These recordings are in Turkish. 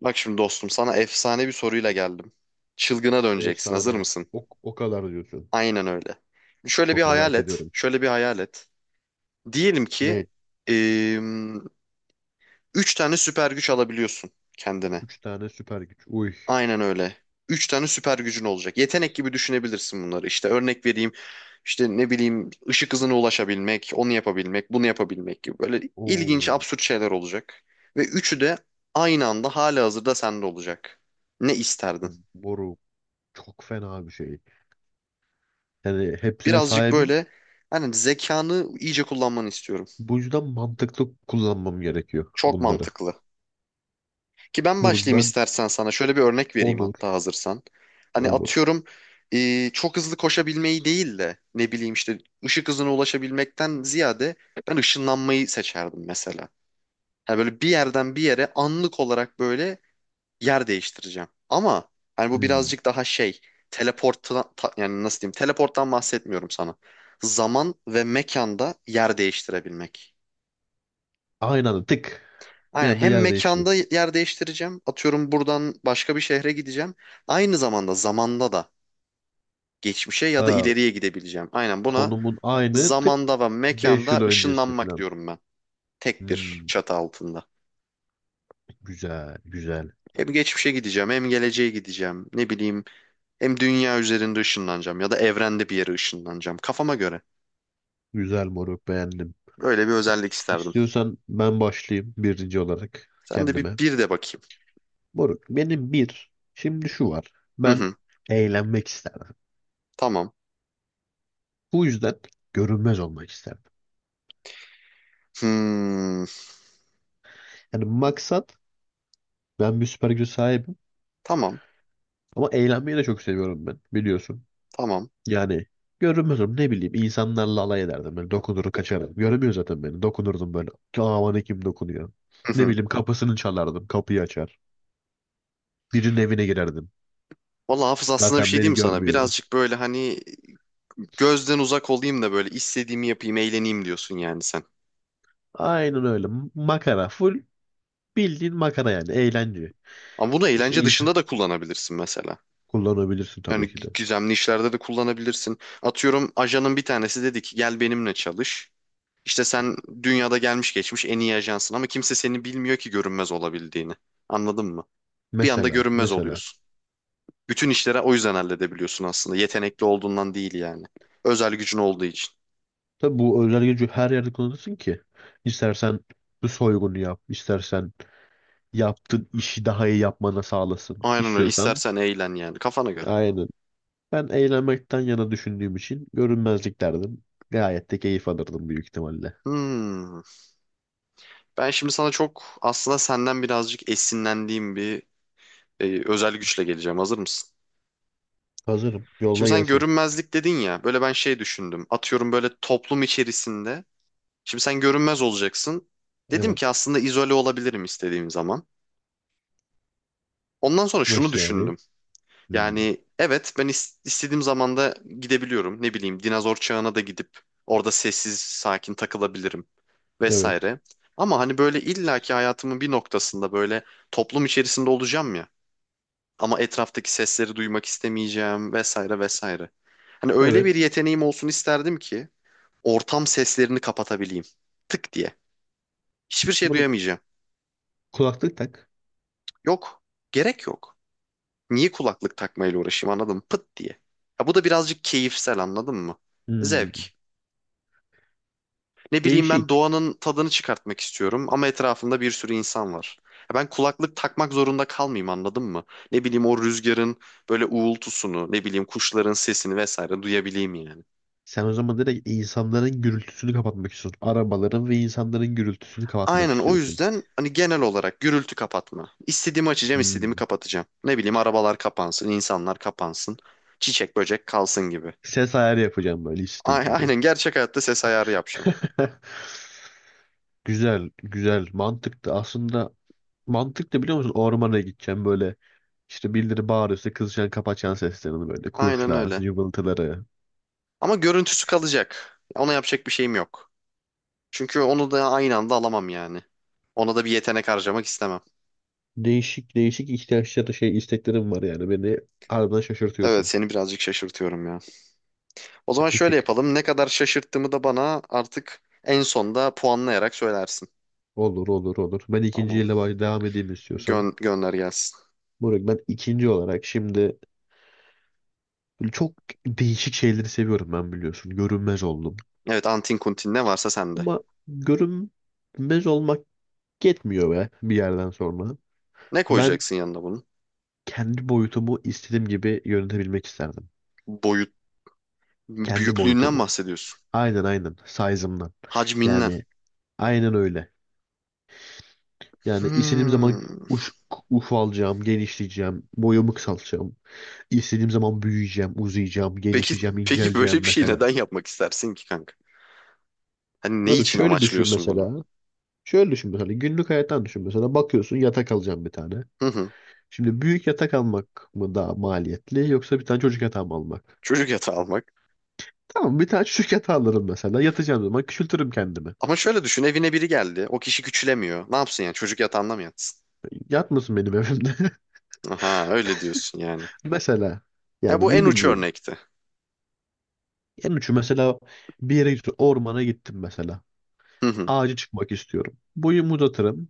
Bak şimdi dostum sana efsane bir soruyla geldim. Çılgına döneceksin. Hazır Efsane. mısın? O kadar diyorsun. Aynen öyle. Şöyle bir Çok hayal merak et. ediyorum. Şöyle bir hayal et. Diyelim ki Ne? eee, üç tane süper güç alabiliyorsun kendine. Üç tane süper güç. Uy. Aynen öyle. Üç tane süper gücün olacak. Yetenek gibi düşünebilirsin bunları. İşte örnek vereyim. İşte ne bileyim ışık hızına ulaşabilmek, onu yapabilmek, bunu yapabilmek gibi. Böyle ilginç, Oo. absürt şeyler olacak. Ve üçü de aynı anda halihazırda sende olacak. Ne isterdin? Bu boru çok fena bir şey. Yani hepsine Birazcık sahibim. böyle, hani zekanı iyice kullanmanı istiyorum. Bu yüzden mantıklı kullanmam gerekiyor Çok bunları. mantıklı. Ki ben Moruk başlayayım ben istersen sana. Şöyle bir örnek vereyim olur. hatta hazırsan. Hani Olur. atıyorum, çok hızlı koşabilmeyi değil de ne bileyim işte ışık hızına ulaşabilmekten ziyade ben ışınlanmayı seçerdim mesela. Hani böyle bir yerden bir yere anlık olarak böyle yer değiştireceğim. Ama hani bu Hmm. birazcık daha şey, yani nasıl diyeyim, teleporttan bahsetmiyorum sana. Zaman ve mekanda yer değiştirebilmek. Aynı anda tık. Bir Aynen, anda hem yer değişti. mekanda yer değiştireceğim. Atıyorum buradan başka bir şehre gideceğim. Aynı zamanda zamanda da geçmişe ya da Ha, ileriye gidebileceğim. Aynen buna konumun aynı tık. zamanda ve 5 yıl mekanda öncesi ışınlanmak falan. diyorum ben. Tek bir Hmm. çatı altında. Güzel. Güzel. Hem geçmişe gideceğim, hem geleceğe gideceğim. Ne bileyim, hem dünya üzerinde ışınlanacağım ya da evrende bir yere ışınlanacağım. Kafama göre. Güzel moruk beğendim. Böyle bir özellik isterdim. İstiyorsan ben başlayayım birinci olarak Sen de bir, kendime. bir de bakayım. Moruk benim bir şimdi şu var. Hı Ben hı, eğlenmek isterdim. tamam. Bu yüzden görünmez olmak isterdim. Hmm, Yani maksat, ben bir süper güce sahibim, tamam, ama eğlenmeyi de çok seviyorum ben biliyorsun. tamam. Yani görünmez olurum, ne bileyim, insanlarla alay ederdim. Ben dokunur kaçarım. Göremiyor zaten beni. Dokunurdum böyle. Aman kim dokunuyor. Hı Ne hı. bileyim, kapısını çalardım. Kapıyı açar. Birinin evine girerdim. Valla Hafız, aslında bir Zaten şey beni diyeyim mi sana? görmüyor. Birazcık böyle, hani gözden uzak olayım da böyle istediğimi yapayım, eğleneyim diyorsun yani sen. Aynen öyle. Makara. Full bildiğin makara yani. Eğlence. Ama bunu İşte eğlence insan dışında da kullanabilirsin mesela. kullanabilirsin Yani tabii ki de. Güzemli işlerde de kullanabilirsin. Atıyorum, ajanın bir tanesi dedi ki gel benimle çalış. İşte sen dünyada gelmiş geçmiş en iyi ajansın ama kimse seni bilmiyor ki görünmez olabildiğini. Anladın mı? Bir anda Mesela, görünmez mesela. oluyorsun. Bütün işlere o yüzden halledebiliyorsun aslında. Yetenekli olduğundan değil yani. Özel gücün olduğu için. Tabii bu özel gücü her yerde kullanırsın ki. İstersen bu soygunu yap, istersen yaptığın işi daha iyi yapmana sağlasın. Aynen öyle. İstiyorsan İstersen eğlen yani, kafana göre. aynen. Ben eğlenmekten yana düşündüğüm için görünmezlik derdim. Gayet de keyif alırdım büyük ihtimalle. Hmm. Ben şimdi sana çok, aslında senden birazcık esinlendiğim bir özel güçle geleceğim. Hazır mısın? Hazırım. Şimdi Yolla sen gelsin. görünmezlik dedin ya. Böyle ben şey düşündüm. Atıyorum böyle toplum içerisinde. Şimdi sen görünmez olacaksın. Dedim ki Evet. aslında izole olabilirim istediğim zaman. Ondan sonra şunu Nasıl yani? düşündüm. Hmm. Yani evet, ben istediğim zamanda gidebiliyorum. Ne bileyim dinozor çağına da gidip orada sessiz sakin takılabilirim Evet. vesaire. Ama hani böyle illaki hayatımın bir noktasında böyle toplum içerisinde olacağım ya. Ama etraftaki sesleri duymak istemeyeceğim vesaire vesaire. Hani öyle bir Evet. yeteneğim olsun isterdim ki ortam seslerini kapatabileyim. Tık diye. Hiçbir şey Bunu duyamayacağım. kulaklık tak. Yok. Gerek yok. Niye kulaklık takmayla uğraşayım, anladın mı? Pıt diye. Ya bu da birazcık keyifsel, anladın mı? Zevk. Hmm. Ne bileyim, ben Değişik. doğanın tadını çıkartmak istiyorum ama etrafımda bir sürü insan var. Ya, ben kulaklık takmak zorunda kalmayayım, anladın mı? Ne bileyim, o rüzgarın böyle uğultusunu, ne bileyim kuşların sesini vesaire duyabileyim yani. Sen o zaman direkt insanların gürültüsünü kapatmak istiyorsun. Arabaların ve insanların gürültüsünü kapatmak Aynen, o istiyorsun. yüzden hani genel olarak gürültü kapatma. İstediğimi açacağım, istediğimi Hmm. kapatacağım. Ne bileyim, arabalar kapansın, insanlar kapansın, çiçek böcek kalsın gibi. Ses ayarı yapacağım böyle listing gibi. Aynen, gerçek hayatta ses ayarı yapacağım. Güzel, güzel. Mantıklı. Aslında mantıklı biliyor musun? Ormana gideceğim böyle. İşte birileri bağırıyorsa kızacaksın, kapatacaksın seslerini böyle. Aynen Kuşlar, öyle. cıvıltıları. Ama görüntüsü kalacak. Ona yapacak bir şeyim yok. Çünkü onu da aynı anda alamam yani. Ona da bir yetenek harcamak istemem. Değişik değişik ihtiyaçları, şey, isteklerim var yani. Beni harbiden Evet, şaşırtıyorsun. seni birazcık şaşırtıyorum ya. O zaman Bir şöyle tık. yapalım. Ne kadar şaşırttığımı da bana artık en sonda puanlayarak söylersin. Olur olur olur. Ben ikinci Tamam. yıla devam edeyim istiyorsan. Gönder gelsin. Moruk ben ikinci olarak şimdi böyle çok değişik şeyleri seviyorum ben biliyorsun. Görünmez oldum. Evet, antin kuntin ne varsa sende. Ama görünmez olmak yetmiyor be bir yerden sonra. Ne Ben koyacaksın yanına bunun? kendi boyutumu istediğim gibi yönetebilmek isterdim. Boyut Kendi büyüklüğünden boyutumu. bahsediyorsun. Aynen aynen. Size'ımdan. Hacminden. Yani aynen öyle. Yani istediğim zaman Hmm. uç, ufalacağım, genişleyeceğim, boyumu kısaltacağım. İstediğim zaman büyüyeceğim, uzayacağım, Peki genişleyeceğim, peki böyle inceleyeceğim bir şey mesela. neden yapmak istersin ki kanka? Hani ne Moruk için şöyle düşün amaçlıyorsun bunu? mesela. Şöyle düşün mesela, günlük hayattan düşün mesela, bakıyorsun yatak alacağım bir tane. Hı hı. Şimdi büyük yatak almak mı daha maliyetli, yoksa bir tane çocuk yatağı mı almak? Çocuk yatağı almak. Tamam, bir tane çocuk yatağı alırım mesela, yatacağım zaman küçültürüm kendimi. Ama şöyle düşün, evine biri geldi. O kişi küçülemiyor. Ne yapsın yani, çocuk yatağında mı yatsın? Yatmasın benim evimde. Aha, öyle diyorsun yani. Mesela Ha, yani, bu en ne uç bileyim, örnekti. en ucu mesela, bir yere gittim, ormana gittim mesela. Hı hı. Ağacı çıkmak istiyorum. Boyumu uzatırım.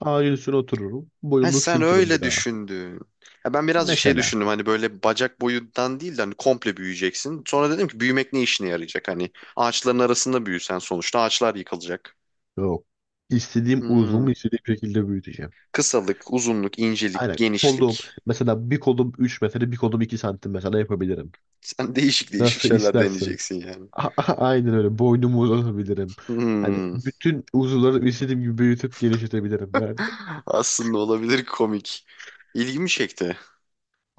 Ağacın üstüne otururum. Ha, Boyumu sen küçültürüm bir öyle daha. düşündün. Ha, ben birazcık şey Mesela düşündüm, hani böyle bacak boyundan değil de hani komple büyüyeceksin. Sonra dedim ki büyümek ne işine yarayacak? Hani ağaçların arasında büyüsen sonuçta ağaçlar yıkılacak. yok. İstediğim Hmm. uzuvumu istediğim şekilde büyüteceğim. Kısalık, uzunluk, incelik, Aynen kolum genişlik. mesela, bir kolum 3 metre, bir kolum 2 santim mesela yapabilirim. Sen değişik değişik Nasıl şeyler istersen. deneyeceksin yani. Aynen öyle boynumu uzatabilirim. Hani Hmm. bütün uzuvları istediğim gibi büyütüp genişletebilirim yani. Aslında olabilir komik. İlgimi çekti.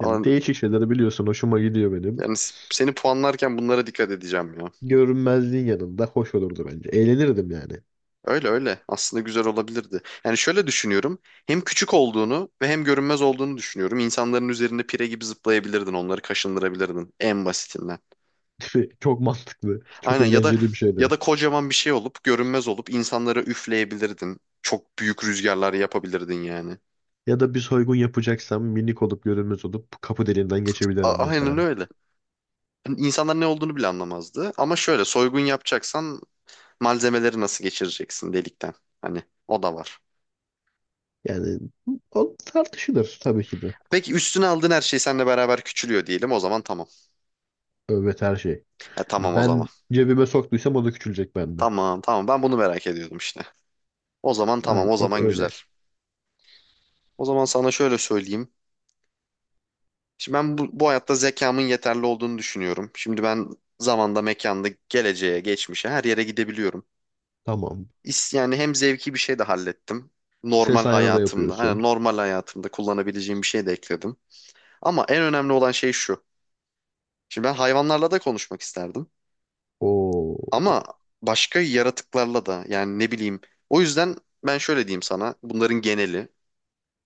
Yani değişik şeyleri biliyorsun, hoşuma gidiyor benim. yani seni puanlarken bunlara dikkat edeceğim ya. Görünmezliğin yanında hoş olurdu bence. Eğlenirdim yani. Öyle öyle. Aslında güzel olabilirdi. Yani şöyle düşünüyorum. Hem küçük olduğunu ve hem görünmez olduğunu düşünüyorum. İnsanların üzerinde pire gibi zıplayabilirdin. Onları kaşındırabilirdin en basitinden. Çok mantıklı. Çok Aynen, ya da, eğlenceli bir ya şeydi. da kocaman bir şey olup görünmez olup insanlara üfleyebilirdin. Çok büyük rüzgarlar yapabilirdin yani. Ya da bir soygun yapacaksam, minik olup görünmez olup kapı deliğinden geçebilirim mesela. Aynen öyle. Yani İnsanlar ne olduğunu bile anlamazdı. Ama şöyle, soygun yapacaksan malzemeleri nasıl geçireceksin delikten? Hani o da var. Yani o tartışılır tabii ki de. Peki üstüne aldığın her şey seninle beraber küçülüyor diyelim. O zaman tamam. Evet her şey. Ha, tamam o Ben zaman. cebime soktuysam o da küçülecek bende. Tamam tamam, ben bunu merak ediyordum işte. O zaman tamam, Aynen o o zaman güzel. öyle. O zaman sana şöyle söyleyeyim. Şimdi ben bu hayatta zekamın yeterli olduğunu düşünüyorum. Şimdi ben zamanda, mekanda, geleceğe, geçmişe her yere gidebiliyorum. Tamam. Yani hem zevki bir şey de hallettim. Normal Ses ayarı da hayatımda, yapıyorsun. hani normal hayatımda kullanabileceğim bir şey de ekledim. Ama en önemli olan şey şu. Şimdi ben hayvanlarla da konuşmak isterdim. Oo, Ama başka yaratıklarla da, yani ne bileyim. O yüzden ben şöyle diyeyim sana, bunların geneli.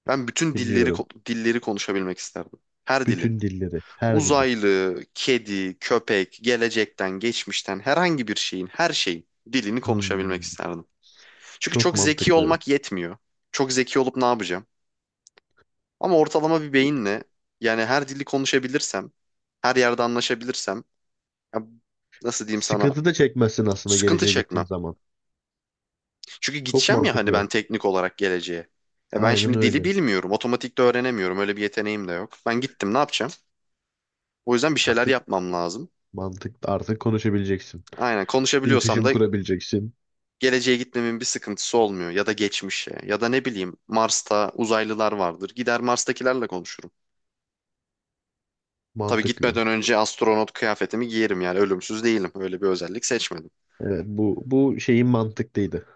Ben bütün dinliyorum. Dilleri konuşabilmek isterdim. Her dili. Bütün dilleri, her dili. Uzaylı, kedi, köpek, gelecekten, geçmişten herhangi bir şeyin, her şeyin dilini konuşabilmek Hmm, isterdim. Çünkü çok çok zeki mantıklı. olmak yetmiyor. Çok zeki olup ne yapacağım? Ama ortalama bir beyinle, yani her dili konuşabilirsem, her yerde anlaşabilirsem, ya nasıl diyeyim sana? Sıkıntı da çekmezsin aslında Sıkıntı geleceğe gittiğin çekmem. zaman. Çünkü Çok gideceğim ya, hani mantıklı. ben teknik olarak geleceğe. E ben Aynen şimdi dili öyle. bilmiyorum. Otomatik de öğrenemiyorum. Öyle bir yeteneğim de yok. Ben gittim ne yapacağım? O yüzden bir şeyler Artık yapmam lazım. mantık, artık konuşabileceksin. Aynen, konuşabiliyorsam İletişim da kurabileceksin. geleceğe gitmemin bir sıkıntısı olmuyor. Ya da geçmişe. Ya da ne bileyim, Mars'ta uzaylılar vardır. Gider Mars'takilerle konuşurum. Tabii Mantıklı. gitmeden önce astronot kıyafetimi giyerim, yani ölümsüz değilim. Öyle bir özellik seçmedim. Evet, bu şeyin mantıklıydı.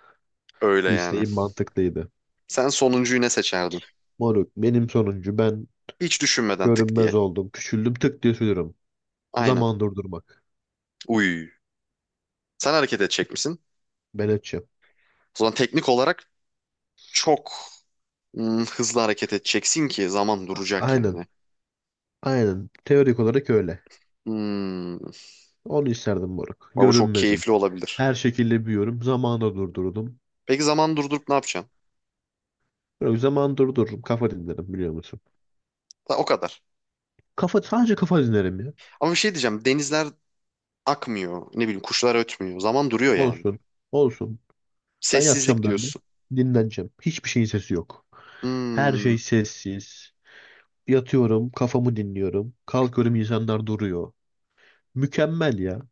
Öyle yani. İsteğin mantıklıydı. Sen sonuncuyu ne seçerdin? Moruk benim sonuncu, ben Hiç düşünmeden tık diye. görünmez oldum. Küçüldüm, tık diye sürüyorum. Aynen. Zaman durdurmak. Uy. Sen hareket edecek misin? Ben açım. O zaman teknik olarak çok hızlı hareket edeceksin ki zaman duracak Aynen. yani. Aynen. Teorik olarak öyle. Hmm. Onu isterdim moruk. Ama bu çok Görünmezim. keyifli olabilir. Her şekilde büyüyorum. Zamanı durdurdum. Peki zaman durdurup ne yapacaksın? Yok, zaman durdururum. Kafa dinlerim biliyor musun? Ha, o kadar. Kafa, sadece kafa dinlerim ya. Ama bir şey diyeceğim. Denizler akmıyor. Ne bileyim kuşlar ötmüyor. Zaman duruyor yani. Olsun. Olsun. Ben Sessizlik yatacağım böyle. diyorsun. Dinleneceğim. Hiçbir şeyin sesi yok. Her Hmm. şey sessiz. Yatıyorum. Kafamı dinliyorum. Kalkıyorum. İnsanlar duruyor. Mükemmel ya.